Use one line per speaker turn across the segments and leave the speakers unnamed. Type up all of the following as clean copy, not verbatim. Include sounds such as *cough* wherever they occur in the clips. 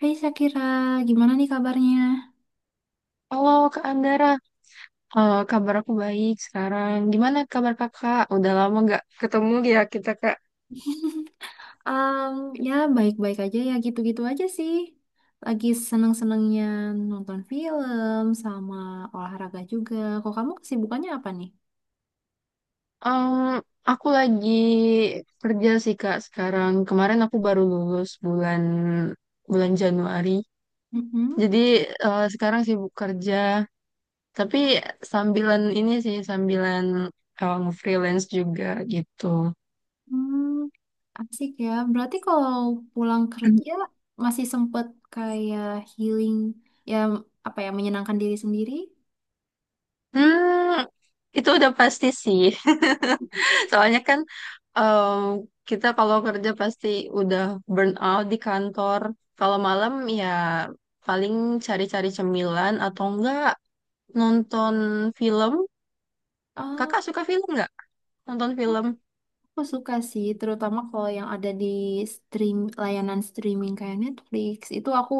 Hai Sakira, gimana nih kabarnya?
Halo Kak Anggara, kabar aku baik sekarang. Gimana kabar kakak? Udah lama nggak ketemu ya kita, Kak.
Em, Ya baik-baik aja, ya gitu-gitu aja sih. Lagi seneng-senengnya nonton film sama olahraga juga. Kok kamu kesibukannya apa nih?
Em, aku lagi kerja sih, Kak, sekarang. Kemarin aku baru lulus bulan bulan Januari.
Mhm.
Jadi sekarang sibuk kerja, tapi sambilan ini sih, sambilan freelance juga gitu.
Hmm, asik ya. Berarti kalau pulang kerja masih sempet kayak healing, ya apa ya menyenangkan diri sendiri?
Hmm, itu udah pasti sih. *laughs* Soalnya kan eh, kita kalau kerja pasti udah burn out di kantor. Kalau malam ya paling cari-cari cemilan atau enggak nonton film.
Eh,
Kakak suka film nggak? Nonton film?
aku suka sih, terutama kalau yang ada di stream layanan streaming kayak Netflix, itu aku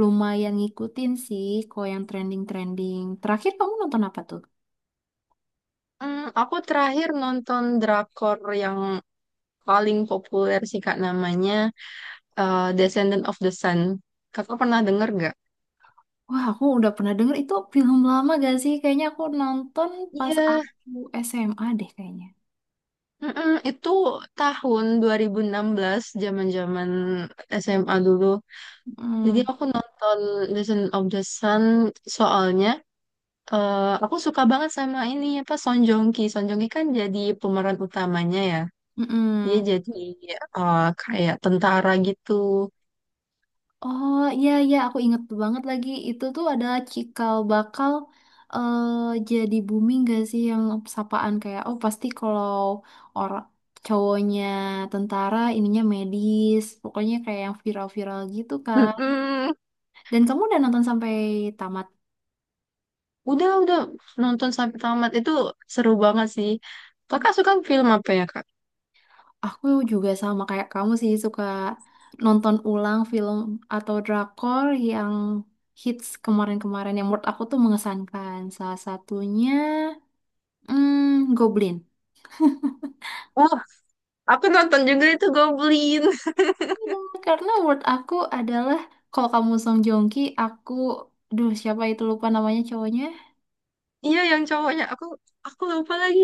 lumayan ngikutin sih kalau yang trending-trending. Terakhir kamu nonton apa tuh?
Aku terakhir nonton drakor yang paling populer sih Kak namanya Descendant of the Sun. Kakak pernah denger nggak?
Wah, aku udah pernah denger, itu film lama gak sih? Kayaknya aku nonton
Iya,
pas aku SMA deh kayaknya.
mm-mm, itu tahun 2016 zaman-zaman SMA dulu. Jadi
Mm,
aku nonton Legend of the Sun soalnya eh, aku suka banget sama ini apa Song Joong Ki. Song Joong Ki kan jadi pemeran utamanya ya. Dia
mm-mm.
jadi kayak tentara gitu.
Oh iya iya, aku inget banget lagi. Itu tuh ada cikal bakal eh jadi booming gak sih, yang sapaan kayak oh pasti kalau orang cowoknya tentara ininya medis. Pokoknya kayak yang viral-viral gitu kan.
Mm-mm.
Dan kamu udah nonton sampai tamat?
Udah nonton sampai tamat, itu seru banget sih. Kakak suka film apa ya kak?
Aku juga sama kayak kamu sih, suka nonton ulang film atau drakor yang hits kemarin-kemarin yang menurut aku tuh mengesankan. Salah satunya Goblin.
Oh, aku nonton juga itu Goblin. *laughs*
Iya, karena menurut aku adalah kalau kamu Song Joong Ki, aku duh siapa itu lupa namanya cowoknya.
Iya yang cowoknya. Aku lupa lagi.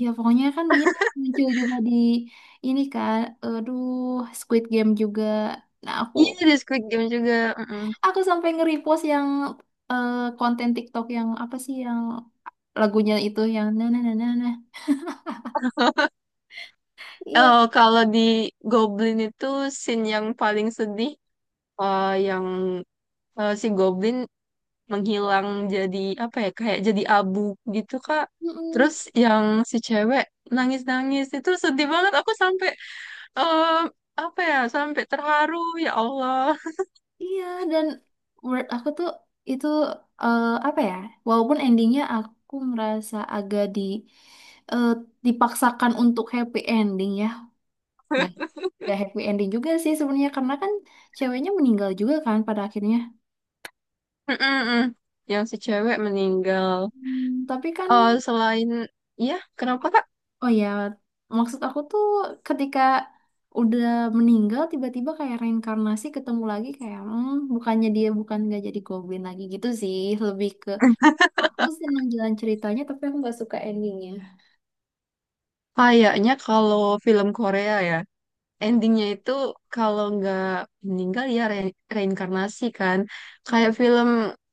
Ya pokoknya kan dia muncul juga di ini kan, aduh, Squid Game juga. Nah aku
Iya, The Squid Game juga.
Aku sampai nge-repost yang konten TikTok yang apa sih, yang lagunya itu yang nah nah nah nah nah. Iya,
Kalau di Goblin itu scene yang paling sedih yang si Goblin menghilang jadi apa ya kayak jadi abu gitu Kak.
mm-mm.
Terus yang si cewek nangis-nangis itu sedih banget aku sampai eh, apa ya sampai terharu ya Allah.
Iya, dan menurut aku tuh itu apa ya? Walaupun endingnya aku ngerasa agak eh, dipaksakan untuk happy ending ya. Nggak, nggak happy ending juga sih sebenarnya, karena kan ceweknya meninggal juga kan pada akhirnya.
*laughs* Mm-mm-mm. Yang si cewek meninggal.
Hmm, tapi kan.
Selain ya kenapa Kak?
Oh ya, maksud aku tuh ketika udah meninggal tiba-tiba kayak reinkarnasi ketemu lagi, kayak bukannya dia bukan nggak jadi goblin lagi gitu sih, lebih ke aku seneng jalan ceritanya tapi aku nggak suka endingnya.
Kayaknya kalau film Korea ya, endingnya itu kalau nggak meninggal ya reinkarnasi kan. Kayak
Mm.
film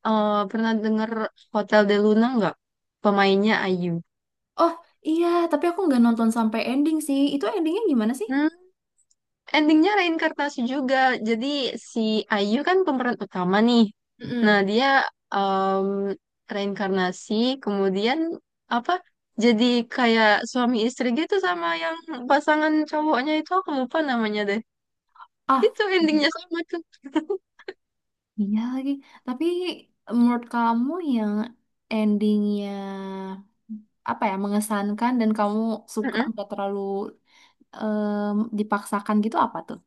pernah denger Hotel de Luna nggak? Pemainnya Ayu.
Oh iya, tapi aku nggak nonton sampai ending sih. Itu endingnya gimana sih?
Hmm, Endingnya reinkarnasi juga. Jadi si Ayu kan pemeran utama nih. Nah
Mm-mm.
dia em, reinkarnasi kemudian apa? Jadi kayak suami istri gitu sama yang pasangan cowoknya itu aku lupa namanya deh.
Ah,
Itu endingnya sama tuh.
iya lagi. Tapi menurut kamu yang endingnya apa ya mengesankan, dan kamu suka
*laughs*
nggak terlalu em, dipaksakan gitu apa tuh?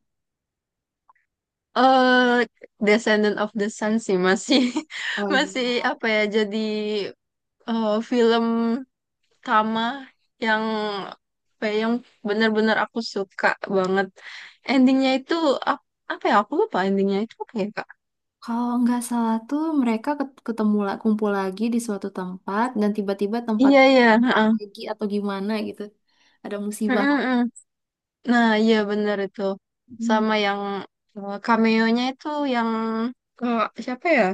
eh Descendant of the Sun sih masih
Oh
*laughs* masih
iya.
apa ya jadi film Kama yang apa ya, yang benar-benar aku suka banget. Endingnya itu ap- apa ya aku lupa endingnya itu apa ya Kak?
Kalau nggak salah tuh mereka ketemu kumpul lagi di suatu tempat dan tiba-tiba
Iya,
tempatnya
iya.
tempat
Heeh.
lagi atau gimana gitu. Ada musibah.
Mm-mm-mm. Nah iya benar itu
Hmm.
sama yang cameo-nya itu yang eh, siapa ya?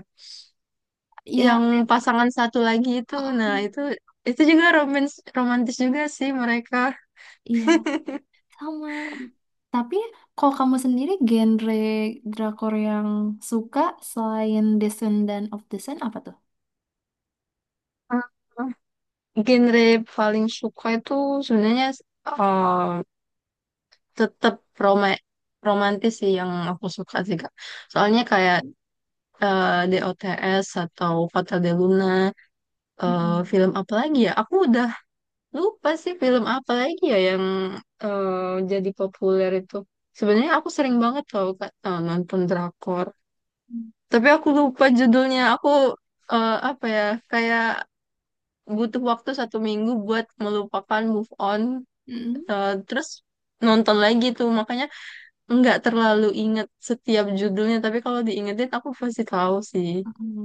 Ya,
Yang pasangan satu lagi itu. Nah
mm-mm.
itu juga romantis juga sih mereka.
Iya sama. Tapi kalau kamu sendiri genre drakor yang suka selain Descendant of the Sun apa tuh?
Hmm, Genre paling suka itu sebenarnya tetap roma romantis sih yang aku suka sih Kak. Soalnya kayak DOTS atau Fatal de Luna,
Mm-mm.
film apa lagi ya? Aku udah lupa sih film apa lagi ya yang jadi populer itu. Sebenarnya aku sering banget tau Kak nonton drakor. Tapi aku lupa judulnya. Aku apa ya? Kayak butuh waktu 1 minggu buat melupakan move on.
Mm-mm.
Terus nonton lagi tuh makanya nggak terlalu inget setiap judulnya tapi kalau diingetin aku pasti tahu sih.
Hmm.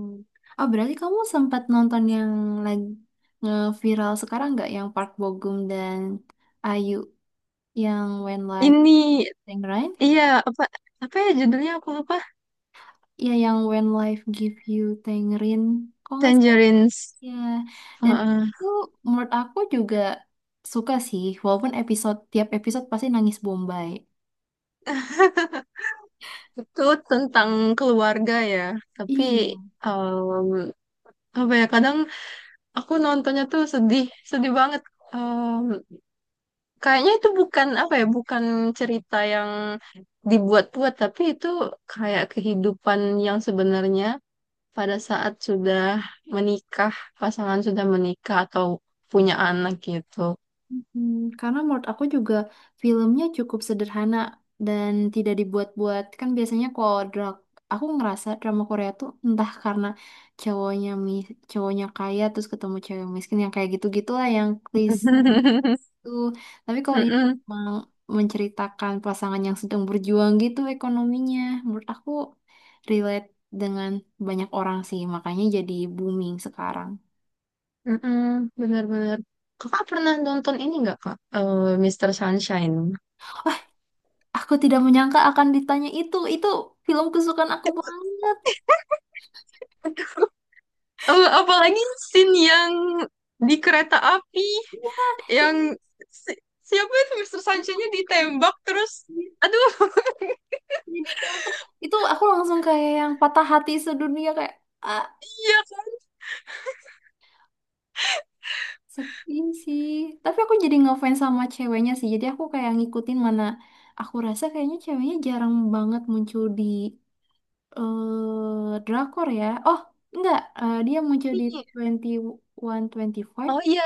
Oh, berarti kamu sempat nonton yang lagi viral sekarang nggak? Yang Park Bo Gum dan Ayu, yang When Life
Ini,
Tangerine?
iya, apa apa ya judulnya aku lupa.
Iya, yang When Life Give You Tangerine. Kok nggak salah
Tangerines.
ya? Dan
Heeh.
itu menurut aku juga suka sih, walaupun episode, tiap episode pasti nangis Bombay.
Itu tentang keluarga ya, tapi
Iya.
em, apa ya kadang aku nontonnya tuh sedih sedih banget. Em, Kayaknya itu bukan apa ya bukan cerita yang dibuat-buat tapi itu kayak kehidupan yang sebenarnya pada saat sudah menikah, pasangan sudah menikah atau punya anak gitu.
Hmm, karena menurut aku juga filmnya cukup sederhana dan tidak dibuat-buat. Kan biasanya kalau aku ngerasa drama Korea tuh entah karena cowoknya mi cowoknya kaya terus ketemu cewek miskin yang kayak gitu gitulah yang klise
*laughs*
tuh. Tapi kalau ini
Mm-mm,
emang menceritakan pasangan yang sedang berjuang gitu ekonominya, menurut aku relate dengan banyak orang sih, makanya jadi booming sekarang.
mm-mm, benar-benar. Kakak pernah nonton ini nggak kak? Mr. Sunshine.
Aku tidak menyangka akan ditanya itu. Itu film kesukaan aku banget.
*laughs* Apalagi scene yang di kereta api
Iya, yang
yang si- siapa itu Mister Sunshine-nya ditembak terus aduh *laughs*
jadi teater terus itu aku langsung kayak yang patah hati sedunia, kayak ah
iya Kak.
sepi sih, tapi aku jadi ngefans sama ceweknya sih, jadi aku kayak ngikutin mana aku rasa kayaknya ceweknya jarang banget muncul di drakor ya, oh enggak, dia muncul di 2125
Oh iya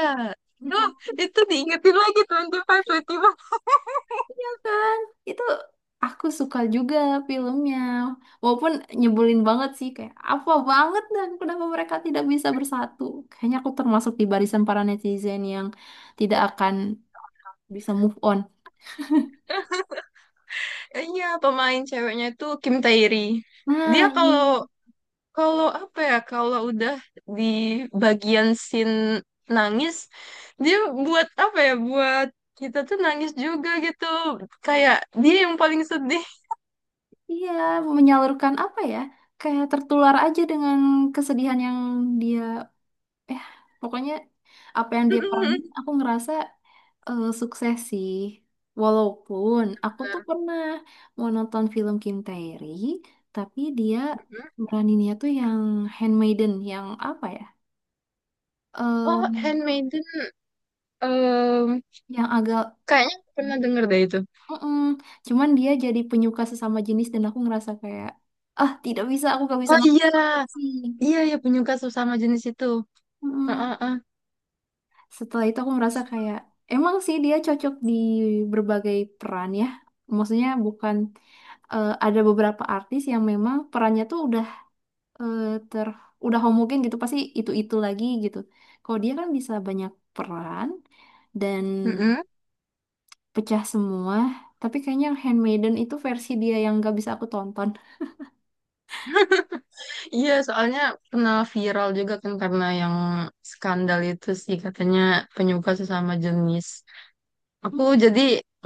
ya
aduh
kan?
itu diingetin lagi 25, 25.
Kan, itu aku suka juga filmnya. Walaupun nyebelin banget sih kayak apa banget, dan kenapa mereka tidak bisa bersatu. Kayaknya aku termasuk di barisan para netizen yang tidak akan bisa move on. *laughs*
Iya, pemain ceweknya itu Kim Tae-ri. Dia
Nah, iya.
kalau kalau apa ya, kalau udah di bagian scene nangis, dia buat apa ya, buat kita tuh nangis juga gitu. Kayak dia yang paling sedih.
Iya, menyalurkan apa ya? Kayak tertular aja dengan kesedihan yang dia eh pokoknya apa yang
*laughs*
dia
Bener.
peranin aku ngerasa sukses sih, walaupun aku tuh pernah mau nonton film Kim Tae-ri tapi dia
Hmm.
meraninnya tuh yang handmaiden yang apa ya,
Oh,
Em,
Handmaiden. em,
yang agak
Kayaknya aku pernah denger deh itu.
mm cuman dia jadi penyuka sesama jenis dan aku ngerasa kayak ah tidak bisa, aku gak bisa
Oh
nonton.
iya, iya ya penyuka sesama jenis itu.
Mm.
Heeh,
Setelah itu aku merasa kayak emang sih dia cocok di berbagai peran ya. Maksudnya bukan ada beberapa artis yang memang perannya tuh udah eh, ter udah homogen gitu pasti itu-itu lagi gitu. Kalau dia kan bisa banyak peran dan
heeh.
pecah semua, tapi kayaknya Handmaiden itu versi dia yang gak bisa aku tonton.
Iya, soalnya pernah viral juga kan karena yang skandal itu sih katanya penyuka sesama jenis. Aku
Hmm.
jadi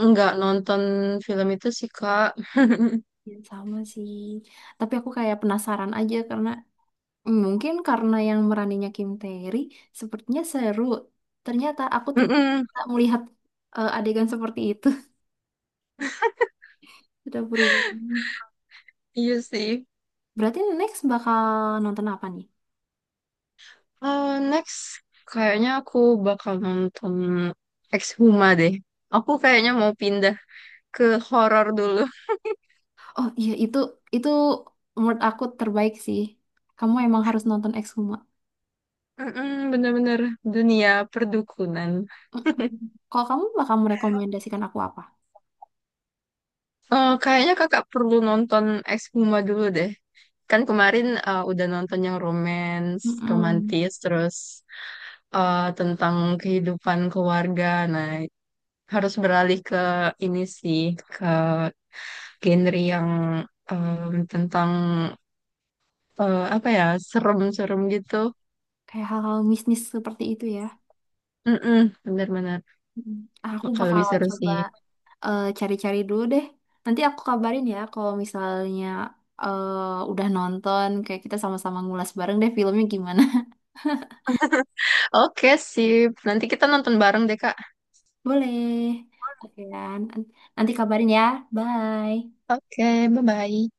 nggak nonton film itu sih, Kak.
Ya, sama sih. Tapi aku kayak penasaran aja karena mungkin yang meraninya Kim Tae-ri sepertinya seru. Ternyata aku
Mm-mm,
tidak melihat adegan seperti itu. *laughs* Sudah berubah.
iya sih.
Berarti next bakal nonton apa nih?
Next, kayaknya aku bakal nonton Exhuma deh. Aku kayaknya mau pindah ke horor dulu.
Oh iya, itu menurut aku terbaik sih. Kamu emang harus nonton Exhuma.
Mm-mm, bener-bener dunia perdukunan.
Mm-mm. Kalau kamu bakal merekomendasikan aku apa?
Kayaknya kakak perlu nonton Ex Puma dulu deh. Kan kemarin udah nonton yang romance,
Mm-mm.
romantis, terus tentang kehidupan keluarga. Nah, harus beralih ke ini sih, ke genre yang tentang apa ya, serem-serem gitu.
Kayak hal-hal bisnis seperti itu ya.
Mm-mm, benar-benar.
Mm. Aku
Kalau
bakal
bisa seru
coba
sih.
cari-cari dulu deh. Nanti aku kabarin ya kalau misalnya udah nonton, kayak kita sama-sama ngulas bareng deh filmnya gimana. *laughs*
Oke, sip. Nanti kita nonton bareng deh, Kak.
Boleh. Oke, Dan. Nanti kabarin ya. Bye.
Oke, bye-bye.